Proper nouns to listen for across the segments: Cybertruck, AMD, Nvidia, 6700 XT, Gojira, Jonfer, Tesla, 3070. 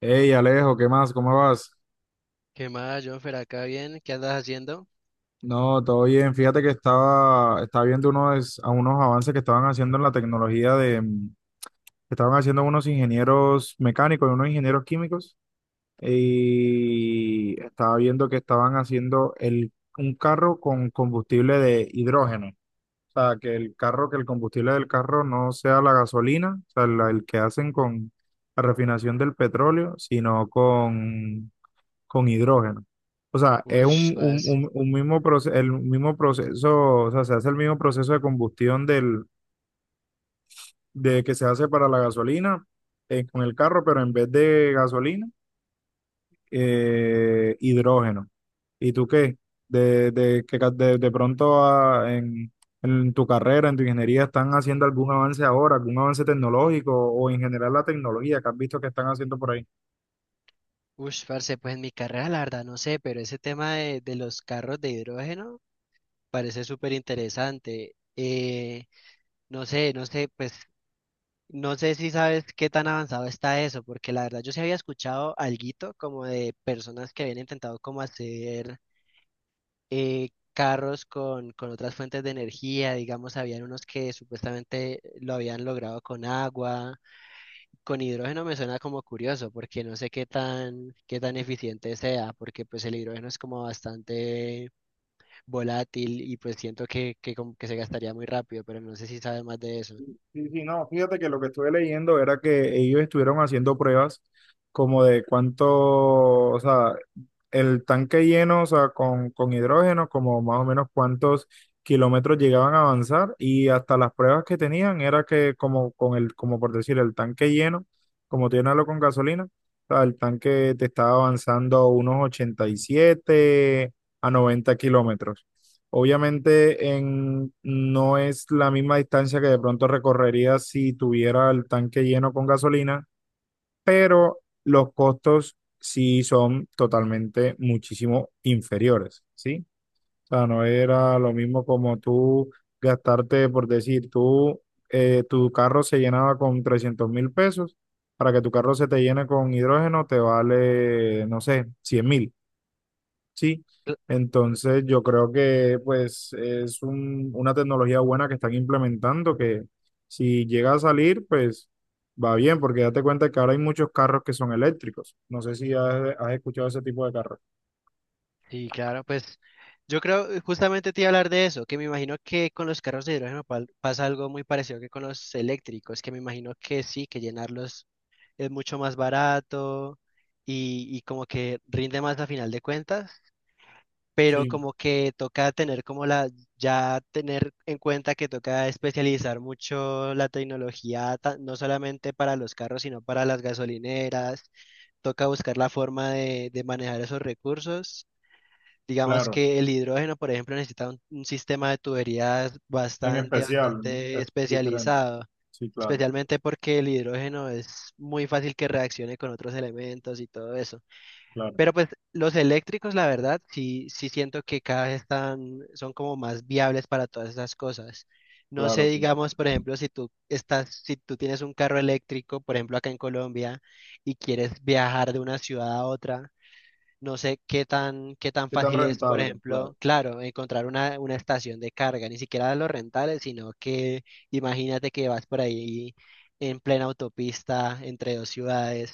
Hey Alejo, ¿qué más? ¿Cómo vas? ¿Qué más, Jonfer? Acá bien, ¿qué andas haciendo? No, todo bien. Fíjate que estaba viendo a unos avances que estaban haciendo en la tecnología de, que estaban haciendo unos ingenieros mecánicos y unos ingenieros químicos. Y estaba viendo que estaban haciendo un carro con combustible de hidrógeno. O sea, que el carro, que el combustible del carro no sea la gasolina, o sea, el que hacen con la refinación del petróleo, sino con hidrógeno. O sea, es Ush, vas. Un mismo proceso, el mismo proceso, o sea, se hace el mismo proceso de combustión de que se hace para la gasolina con el carro, pero en vez de gasolina, hidrógeno. ¿Y tú qué? De, que ca- de pronto ah, en tu carrera, en tu ingeniería, ¿están haciendo algún avance ahora, algún avance tecnológico o en general la tecnología que has visto que están haciendo por ahí? Ush, parce, pues en mi carrera, la verdad, no sé, pero ese tema de los carros de hidrógeno parece súper interesante. No sé, no sé, pues, no sé si sabes qué tan avanzado está eso, porque la verdad yo sí había escuchado alguito como de personas que habían intentado como hacer carros con otras fuentes de energía, digamos, habían unos que supuestamente lo habían logrado con agua. Con hidrógeno me suena como curioso, porque no sé qué tan eficiente sea, porque pues el hidrógeno es como bastante volátil y pues siento que como que se gastaría muy rápido, pero no sé si sabes más de eso. Sí, sí, no, fíjate que lo que estuve leyendo era que ellos estuvieron haciendo pruebas como de cuánto, o sea, el tanque lleno, o sea, con hidrógeno, como más o menos cuántos kilómetros llegaban a avanzar y hasta las pruebas que tenían era que como con el, como por decir, el tanque lleno, como llenarlo con gasolina, o sea, el tanque te estaba avanzando unos 87 a 90 kilómetros. Obviamente no es la misma distancia que de pronto recorrería si tuviera el tanque lleno con gasolina, pero los costos sí son totalmente muchísimo inferiores, ¿sí? O sea, no era lo mismo como tú gastarte, por decir, tú, tu carro se llenaba con 300.000 pesos, para que tu carro se te llene con hidrógeno te vale, no sé, 100.000. Sí, Cl- entonces yo creo que pues es una tecnología buena que están implementando que si llega a salir pues va bien porque date cuenta que ahora hay muchos carros que son eléctricos. No sé si has escuchado ese tipo de carros. Sí, claro, pues yo creo, justamente te iba a hablar de eso, que me imagino que con los carros de hidrógeno pasa algo muy parecido que con los eléctricos, que me imagino que sí, que llenarlos es mucho más barato y como que rinde más a final de cuentas. Pero Sí, como que toca ya tener en cuenta que toca especializar mucho la tecnología, no solamente para los carros, sino para las gasolineras, toca buscar la forma de manejar esos recursos. Digamos claro, que el hidrógeno, por ejemplo, necesita un sistema de tuberías en bastante, especial, bastante es diferente. especializado, Sí, claro, especialmente porque el hidrógeno es muy fácil que reaccione con otros elementos y todo eso. claro, Pero pues los eléctricos, la verdad, sí, sí siento que cada vez son como más viables para todas esas cosas. No claro. sé, Que- digamos, por ejemplo, si tú tienes un carro eléctrico, por ejemplo, acá en Colombia, y quieres viajar de una ciudad a otra, no sé qué tan ¿qué tan fácil es, por rentable? Claro. ejemplo, claro, encontrar una estación de carga, ni siquiera los rentales, sino que imagínate que vas por ahí en plena autopista entre dos ciudades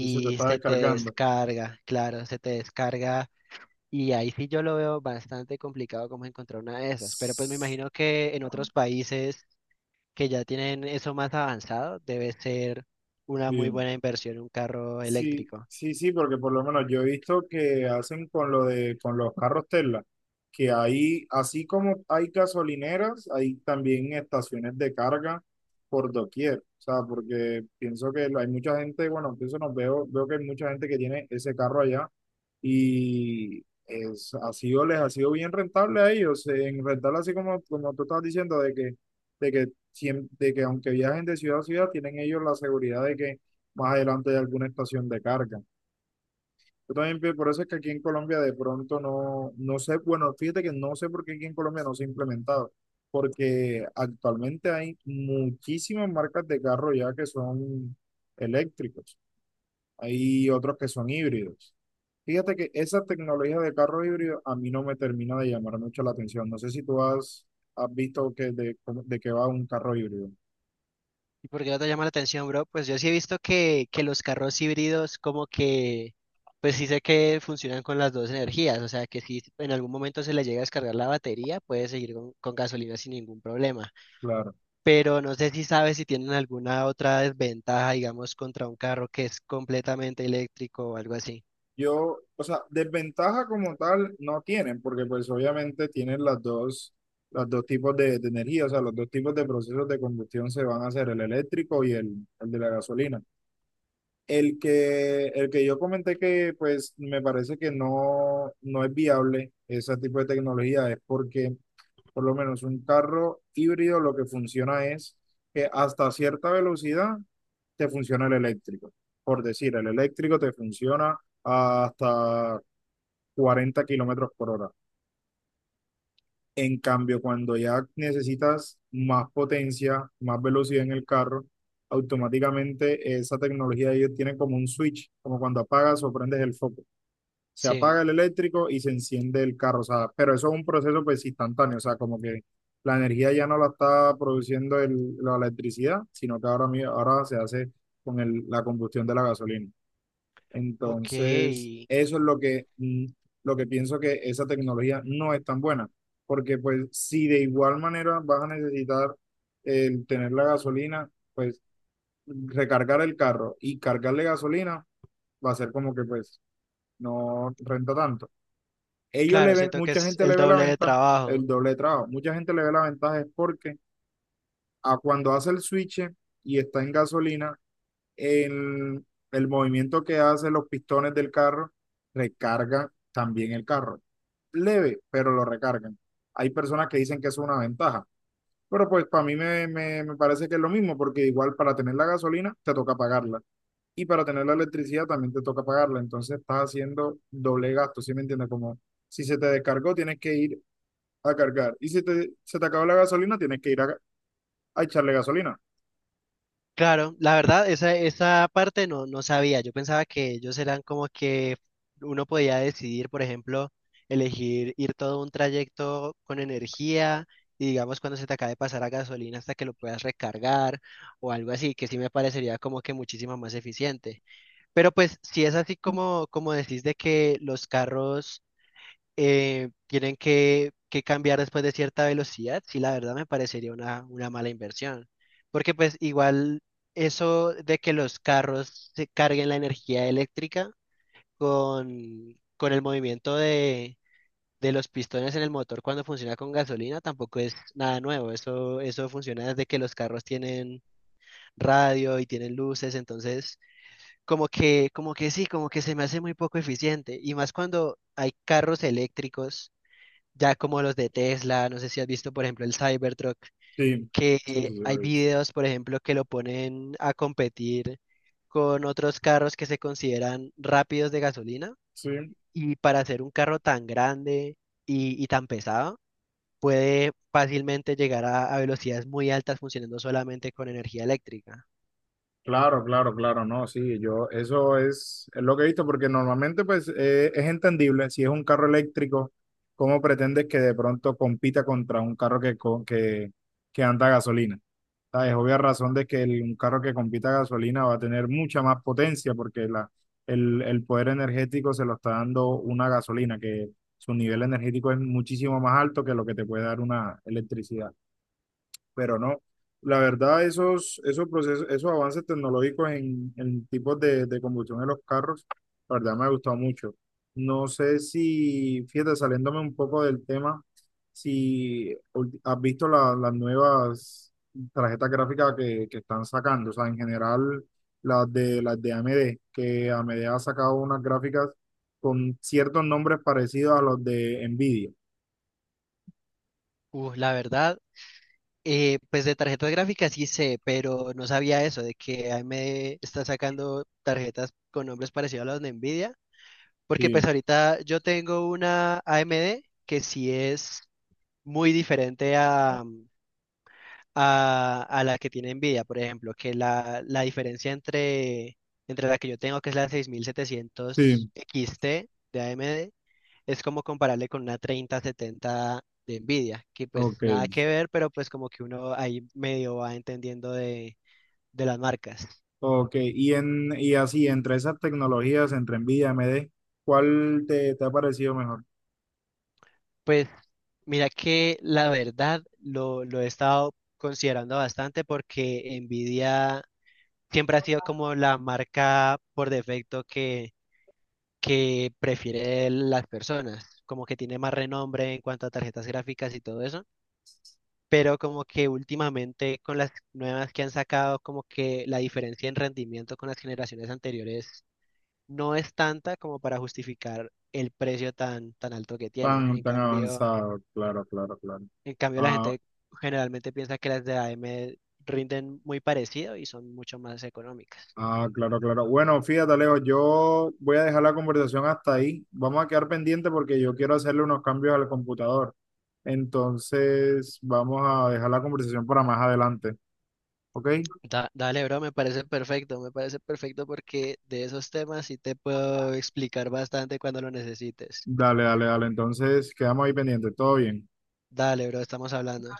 Y se te está se te descargando. descarga, claro, se te descarga y ahí sí yo lo veo bastante complicado como encontrar una de esas, pero pues me imagino que en otros países que ya tienen eso más avanzado, debe ser una muy Sí, buena inversión un carro sí, eléctrico. sí, sí, porque por lo menos yo he visto que hacen con lo de con los carros Tesla, que ahí, así como hay gasolineras, hay también estaciones de carga por doquier. O sea, porque pienso que hay mucha gente, bueno, pienso no veo, veo que hay mucha gente que tiene ese carro allá y es, ha sido, les ha sido bien rentable a ellos, en rentable así como, como tú estás diciendo, de que, siem- de que aunque viajen de ciudad a ciudad, tienen ellos la seguridad de que más adelante hay alguna estación de carga. Yo también, pi- por eso es que aquí en Colombia de pronto no, no sé, bueno, fíjate que no sé por qué aquí en Colombia no se ha implementado, porque actualmente hay muchísimas marcas de carro ya que son eléctricos, hay otros que son híbridos. Fíjate que esa tecnología de carro híbrido a mí no me termina de llamar mucho la atención. No sé si tú has visto que de, cómo- de qué va un carro híbrido. ¿Y por qué no te llama la atención, bro? Pues yo sí he visto que los carros híbridos como que, pues sí sé que funcionan con las dos energías, o sea que si en algún momento se le llega a descargar la batería, puede seguir con gasolina sin ningún problema. Claro. Pero no sé si sabes si tienen alguna otra desventaja, digamos, contra un carro que es completamente eléctrico o algo así. Yo, o sea, desventaja como tal no tienen, porque pues obviamente tienen las dos, los dos tipos de energía, o sea, los dos tipos de procesos de combustión se van a hacer, el eléctrico y el de la gasolina. El que yo comenté que pues me parece que no es viable ese tipo de tecnología es porque por lo menos un carro híbrido lo que funciona es que hasta cierta velocidad te funciona el eléctrico. Por decir, el eléctrico te funciona hasta 40 kilómetros por hora. En cambio, cuando ya necesitas más potencia, más velocidad en el carro, automáticamente esa tecnología de ellos tiene como un switch, como cuando apagas o prendes el foco. Se Sí, apaga el eléctrico y se enciende el carro, o sea, pero eso es un proceso pues instantáneo, o sea, como que la energía ya no la está produciendo la electricidad, sino que ahora, ahora se hace con la combustión de la gasolina. Entonces, ok. eso es lo que, lo que pienso que esa tecnología no es tan buena, porque pues si de igual manera vas a necesitar el tener la gasolina, pues recargar el carro y cargarle gasolina va a ser como que pues no renta tanto. Ellos le Claro, ven, siento que mucha es gente el le ve la doble de ventaja, trabajo. el doble de trabajo, mucha gente le ve la ventaja es porque a cuando hace el switch y está en gasolina, el, el movimiento que hacen los pistones del carro recarga también el carro. Leve, pero lo recargan. Hay personas que dicen que eso es una ventaja, pero pues para mí me parece que es lo mismo, porque igual para tener la gasolina te toca pagarla y para tener la electricidad también te toca pagarla. Entonces estás haciendo doble gasto, ¿sí me entiendes? Como si se te descargó, tienes que ir a cargar y si te, se te acabó la gasolina, tienes que ir a echarle gasolina. Claro, la verdad, esa parte no, no sabía. Yo pensaba que ellos eran como que uno podía decidir, por ejemplo, elegir ir todo un trayecto con energía y digamos cuando se te acabe de pasar la gasolina hasta que lo puedas recargar o algo así, que sí me parecería como que muchísimo más eficiente. Pero pues si es así como decís de que los carros tienen que cambiar después de cierta velocidad, sí, la verdad me parecería una mala inversión. Porque pues igual eso de que los carros se carguen la energía eléctrica con el movimiento de los pistones en el motor cuando funciona con gasolina tampoco es nada nuevo. Eso funciona desde que los carros tienen radio y tienen luces, entonces como que sí, como que se me hace muy poco eficiente. Y más cuando hay carros eléctricos ya como los de Tesla, no sé si has visto, por ejemplo, el Cybertruck, Sí, que sí, sí, sí, lo hay he visto. videos, por ejemplo, que lo ponen a competir con otros carros que se consideran rápidos de gasolina, Sí. y para hacer un carro tan grande y tan pesado, puede fácilmente llegar a velocidades muy altas funcionando solamente con energía eléctrica. Claro, claro, claro, no, sí, yo, eso es lo que he visto, porque normalmente pues es entendible, si es un carro eléctrico, ¿cómo pretendes que de pronto compita contra un carro que anda a gasolina? Ah, es obvia razón de que un carro que compita a gasolina va a tener mucha más potencia, porque la, el poder energético se lo está dando una gasolina, que su nivel energético es muchísimo más alto que lo que te puede dar una electricidad pero no. La verdad, esos, esos procesos, esos avances tecnológicos en tipos de combustión en los carros, la verdad me ha gustado mucho. No sé si, fíjate, saliéndome un poco del tema, si ul- has visto las nuevas tarjetas gráficas que están sacando, o sea, en general las de AMD, que AMD ha sacado unas gráficas con ciertos nombres parecidos a los de Nvidia. La verdad, pues de tarjetas gráficas sí sé, pero no sabía eso, de que AMD está sacando tarjetas con nombres parecidos a los de Nvidia. Porque pues Sí, ahorita yo tengo una AMD que sí es muy diferente a, a la que tiene Nvidia, por ejemplo, que la diferencia entre la que yo tengo, que es la 6700 sí. XT de AMD, es como comparable con una 3070 de Nvidia, que pues Ok. nada que ver, pero pues como que uno ahí medio va entendiendo de las marcas. Ok, y, en, y así, entre esas tecnologías, entre NVIDIA y AMD, ¿cuál te, te ha parecido mejor? Pues mira que la verdad lo he estado considerando bastante porque Nvidia siempre ha sido como la marca por defecto que prefiere las personas, como que tiene más renombre en cuanto a tarjetas gráficas y todo eso, pero como que últimamente con las nuevas que han sacado, como que la diferencia en rendimiento con las generaciones anteriores no es tanta como para justificar el precio tan, tan alto que tienen. Tan, tan avanzado, claro, claro, claro. En cambio, la Ah, gente generalmente piensa que las de AM rinden muy parecido y son mucho más económicas. ah, claro, claro. Bueno, fíjate, Alejo, yo voy a dejar la conversación hasta ahí. Vamos a quedar pendiente porque yo quiero hacerle unos cambios al computador. Entonces, vamos a dejar la conversación para más adelante, ¿ok? Dale, bro, me parece perfecto porque de esos temas sí te puedo explicar bastante cuando lo necesites. Dale, dale, dale. Entonces, quedamos ahí pendientes. Todo bien. Dale, bro, estamos hablando.